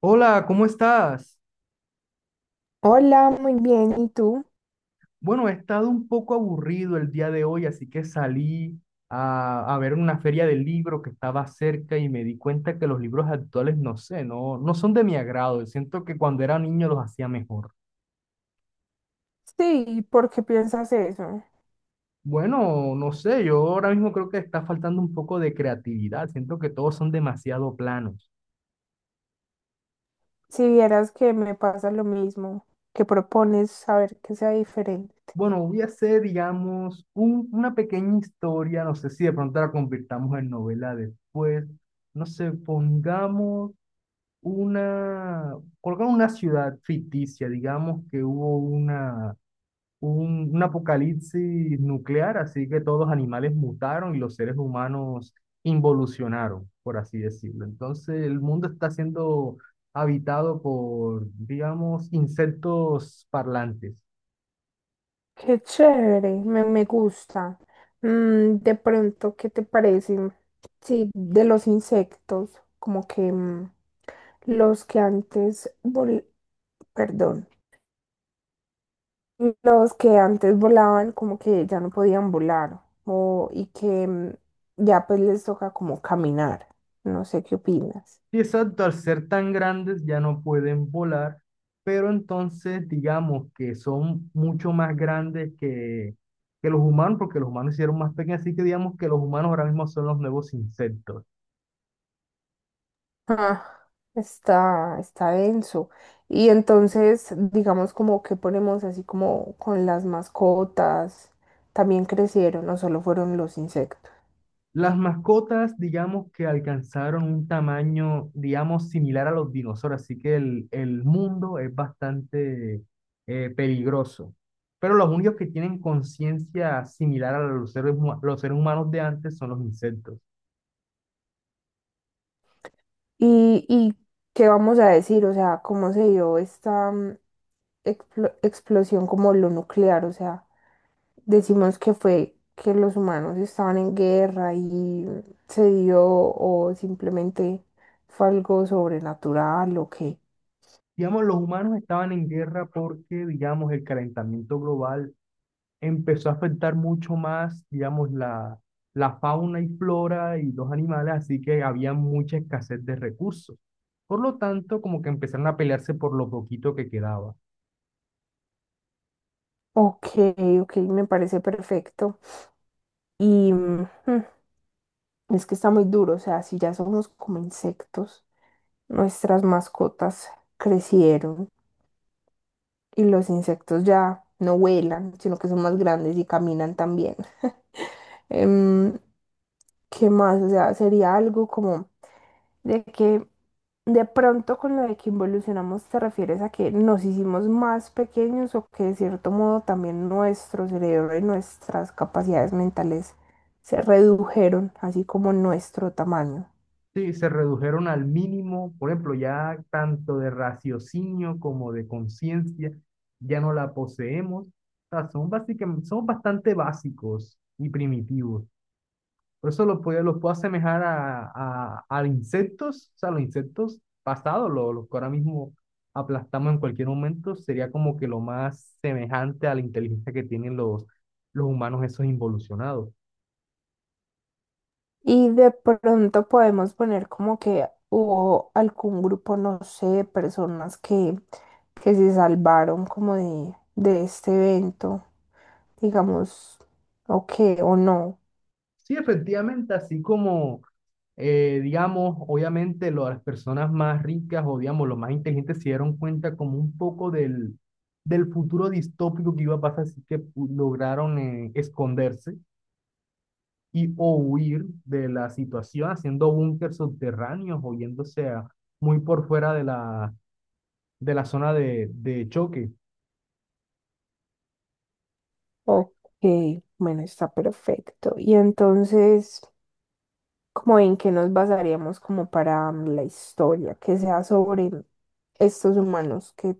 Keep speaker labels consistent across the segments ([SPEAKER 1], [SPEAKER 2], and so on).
[SPEAKER 1] Hola, ¿cómo estás?
[SPEAKER 2] Hola, muy bien. ¿Y tú?
[SPEAKER 1] Bueno, he estado un poco aburrido el día de hoy, así que salí a ver una feria de libro que estaba cerca y me di cuenta que los libros actuales, no sé, no son de mi agrado. Siento que cuando era niño los hacía mejor.
[SPEAKER 2] Sí, ¿por qué piensas eso?
[SPEAKER 1] Bueno, no sé, yo ahora mismo creo que está faltando un poco de creatividad. Siento que todos son demasiado planos.
[SPEAKER 2] Si vieras que me pasa lo mismo, que propones saber que sea diferente.
[SPEAKER 1] Bueno, voy a hacer, digamos, una pequeña historia. No sé si de pronto la convirtamos en novela después. No sé, pongamos una, colocar una ciudad ficticia, digamos que hubo una, un apocalipsis nuclear, así que todos los animales mutaron y los seres humanos involucionaron, por así decirlo. Entonces el mundo está siendo habitado por, digamos, insectos parlantes.
[SPEAKER 2] Qué chévere, me gusta. De pronto, ¿qué te parece? Sí, de los insectos, como que los que antes, perdón. Los que antes volaban como que ya no podían volar o, y que ya pues les toca como caminar. No sé qué opinas.
[SPEAKER 1] Sí, exacto, al ser tan grandes ya no pueden volar, pero entonces digamos que son mucho más grandes que los humanos, porque los humanos se hicieron más pequeños, así que digamos que los humanos ahora mismo son los nuevos insectos.
[SPEAKER 2] Ah, está denso. Y entonces, digamos como que ponemos así como con las mascotas, también crecieron, no solo fueron los insectos.
[SPEAKER 1] Las mascotas, digamos que alcanzaron un tamaño, digamos, similar a los dinosaurios, así que el mundo es bastante peligroso. Pero los únicos que tienen conciencia similar a los seres, los seres humanos de antes son los insectos.
[SPEAKER 2] ¿Y qué vamos a decir? O sea, ¿cómo se dio esta explosión como lo nuclear? O sea. Decimos que fue que los humanos estaban en guerra y se dio, o simplemente fue algo sobrenatural o qué.
[SPEAKER 1] Digamos, los humanos estaban en guerra porque, digamos, el calentamiento global empezó a afectar mucho más, digamos, la fauna y flora y los animales, así que había mucha escasez de recursos. Por lo tanto, como que empezaron a pelearse por lo poquito que quedaba.
[SPEAKER 2] Ok, ok, me parece perfecto. Y es que está muy duro, o sea, si ya somos como insectos, nuestras mascotas crecieron y los insectos ya no vuelan, sino que son más grandes y caminan también. Em, ¿Qué más? O sea, sería algo como de que de pronto con lo de que involucionamos te refieres a que nos hicimos más pequeños, o que de cierto modo también nuestro cerebro y nuestras capacidades mentales se redujeron, así como nuestro tamaño.
[SPEAKER 1] Sí, se redujeron al mínimo, por ejemplo, ya tanto de raciocinio como de conciencia, ya no la poseemos. O sea, son básicamente, somos bastante básicos y primitivos. Por eso lo puedo asemejar a, a insectos, o sea, los insectos pasados, los que ahora mismo aplastamos en cualquier momento, sería como que lo más semejante a la inteligencia que tienen los humanos esos involucionados.
[SPEAKER 2] Y de pronto podemos poner como que hubo algún grupo, no sé, de personas que se salvaron como de este evento, digamos, o qué, o no.
[SPEAKER 1] Sí, efectivamente, así como, digamos, obviamente las personas más ricas o, digamos, los más inteligentes se dieron cuenta como un poco del, del futuro distópico que iba a pasar, así que lograron esconderse y o huir de la situación haciendo búnkers subterráneos o muy por fuera de la zona de choque.
[SPEAKER 2] Ok, bueno, está perfecto. Y entonces, como en qué nos basaríamos como para la historia, que sea sobre estos humanos que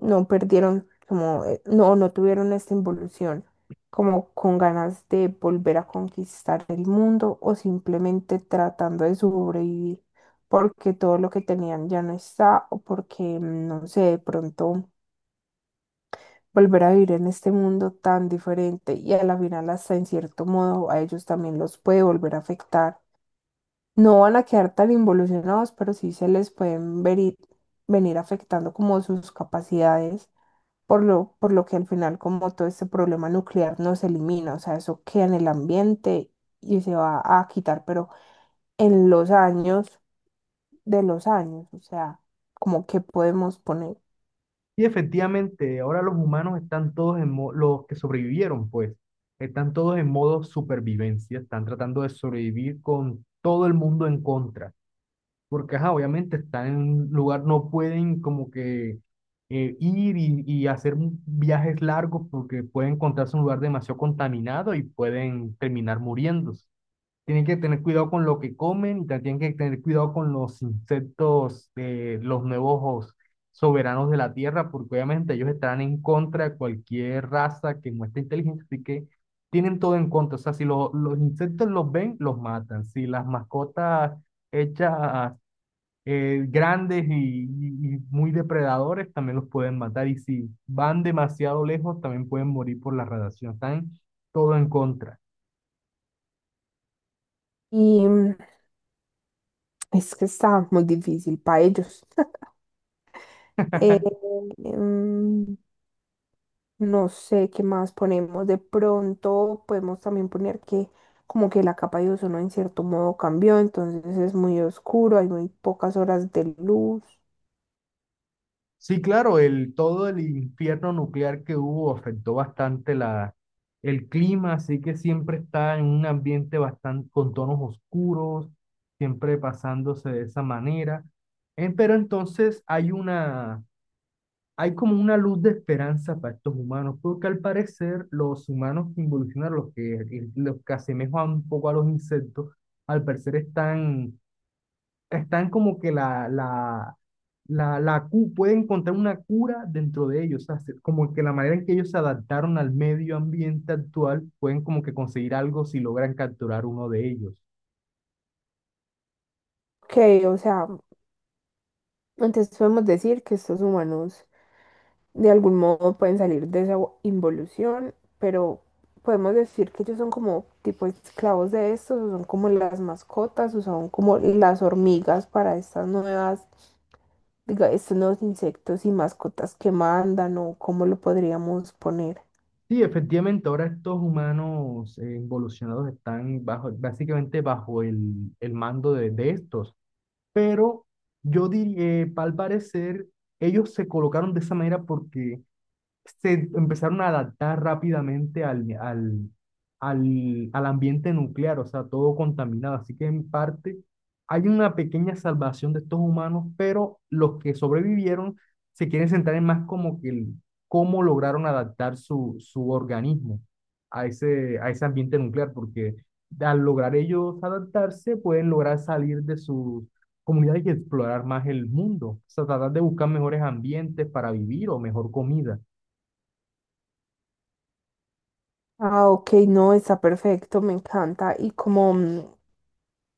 [SPEAKER 2] no perdieron, como no, no tuvieron esta involución, como con ganas de volver a conquistar el mundo o simplemente tratando de sobrevivir, porque todo lo que tenían ya no está, o porque, no sé, de pronto volver a vivir en este mundo tan diferente, y a la final hasta en cierto modo a ellos también los puede volver a afectar. No van a quedar tan involucionados, pero sí se les pueden ver venir afectando como sus capacidades, por lo que al final como todo este problema nuclear no se elimina, o sea, eso queda en el ambiente y se va a quitar, pero en los años de los años, o sea, como que podemos poner.
[SPEAKER 1] Y efectivamente, ahora los humanos están todos en los que sobrevivieron, pues, están todos en modo supervivencia, están tratando de sobrevivir con todo el mundo en contra. Porque ajá, obviamente están en un lugar, no pueden como que ir y hacer viajes largos porque pueden encontrarse en un lugar demasiado contaminado y pueden terminar muriéndose. Tienen que tener cuidado con lo que comen y también tienen que tener cuidado con los insectos, los nuevos soberanos de la Tierra, porque obviamente ellos estarán en contra de cualquier raza que muestre inteligencia, así que tienen todo en contra. O sea, si los insectos los ven, los matan. Si las mascotas hechas grandes y, y muy depredadores también los pueden matar. Y si van demasiado lejos, también pueden morir por la radiación. Están todo en contra.
[SPEAKER 2] Y es que está muy difícil para ellos. Eh, em, No sé qué más ponemos. De pronto podemos también poner que como que la capa de ozono en cierto modo cambió, entonces es muy oscuro, hay muy pocas horas de luz.
[SPEAKER 1] Sí, claro, el, todo el infierno nuclear que hubo afectó bastante la, el clima, así que siempre está en un ambiente bastante con tonos oscuros, siempre pasándose de esa manera. Pero entonces hay una, hay como una luz de esperanza para estos humanos, porque al parecer los humanos que involucionaron, los que asemejan un poco a los insectos, al parecer están, están como que la pueden encontrar una cura dentro de ellos, o sea, como que la manera en que ellos se adaptaron al medio ambiente actual, pueden como que conseguir algo si logran capturar uno de ellos.
[SPEAKER 2] Ok, o sea, entonces podemos decir que estos humanos de algún modo pueden salir de esa involución, pero podemos decir que ellos son como tipo esclavos de estos, o son como las mascotas, o son como las hormigas para estas nuevas diga, estos nuevos insectos y mascotas que mandan, o cómo lo podríamos poner.
[SPEAKER 1] Sí, efectivamente, ahora estos humanos involucionados están bajo, básicamente bajo el mando de estos. Pero yo diría, al parecer, ellos se colocaron de esa manera porque se empezaron a adaptar rápidamente al ambiente nuclear, o sea, todo contaminado. Así que en parte hay una pequeña salvación de estos humanos, pero los que sobrevivieron se quieren centrar en más como que cómo lograron adaptar su, su organismo a ese ambiente nuclear, porque al lograr ellos adaptarse, pueden lograr salir de sus comunidades y explorar más el mundo, o sea, tratar de buscar mejores ambientes para vivir o mejor comida.
[SPEAKER 2] Ah, ok, no, está perfecto, me encanta. Y como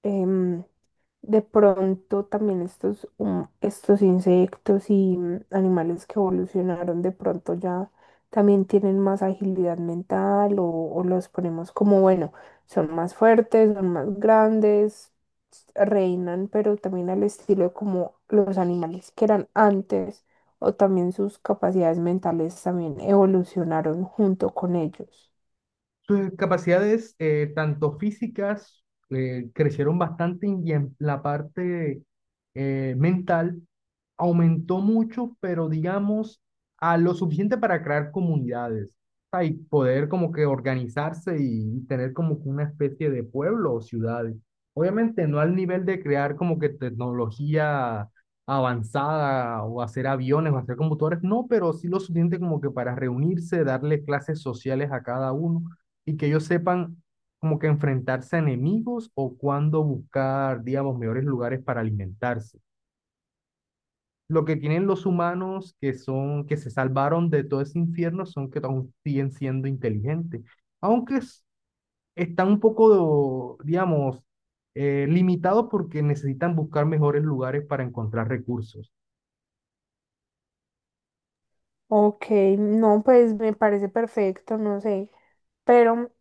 [SPEAKER 2] em, de pronto también estos insectos y animales que evolucionaron de pronto ya también tienen más agilidad mental, o los ponemos como, bueno, son más fuertes, son más grandes, reinan, pero también al estilo de como los animales que eran antes, o también sus capacidades mentales también evolucionaron junto con ellos.
[SPEAKER 1] Sus capacidades, tanto físicas, crecieron bastante y en la parte mental aumentó mucho, pero digamos, a lo suficiente para crear comunidades, ah, y poder como que organizarse y tener como que una especie de pueblo o ciudades. Obviamente no al nivel de crear como que tecnología avanzada o hacer aviones o hacer computadores, no, pero sí lo suficiente como que para reunirse, darle clases sociales a cada uno y que ellos sepan como que enfrentarse a enemigos o cuándo buscar, digamos, mejores lugares para alimentarse. Lo que tienen los humanos que son, que se salvaron de todo ese infierno son que aún siguen siendo inteligentes, aunque están un poco, digamos, limitados porque necesitan buscar mejores lugares para encontrar recursos.
[SPEAKER 2] Ok, no, pues me parece perfecto, no sé, pero.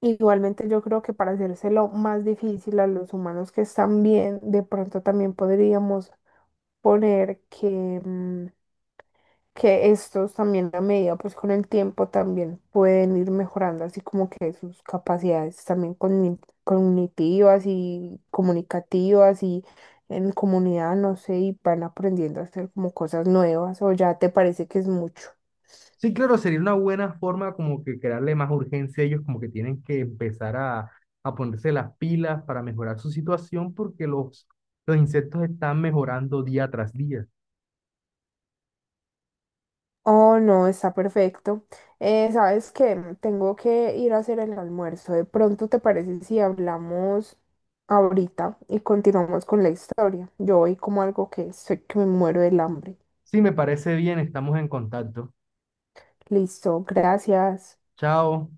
[SPEAKER 2] Igualmente yo creo que para hacérselo más difícil a los humanos que están bien, de pronto también podríamos poner que, que estos también a medida, pues con el tiempo también pueden ir mejorando, así como que sus capacidades también cognitivas y comunicativas y en comunidad, no sé, y van aprendiendo a hacer como cosas nuevas, o ya te parece que es mucho.
[SPEAKER 1] Sí, claro, sería una buena forma como que crearle más urgencia a ellos, como que tienen que empezar a ponerse las pilas para mejorar su situación porque los insectos están mejorando día tras día.
[SPEAKER 2] Oh, no, está perfecto. ¿Sabes qué? Tengo que ir a hacer el almuerzo. De pronto, ¿te parece si hablamos ahorita y continuamos con la historia? Yo voy como algo que estoy que me muero del hambre.
[SPEAKER 1] Sí, me parece bien, estamos en contacto.
[SPEAKER 2] Listo, gracias.
[SPEAKER 1] Chao.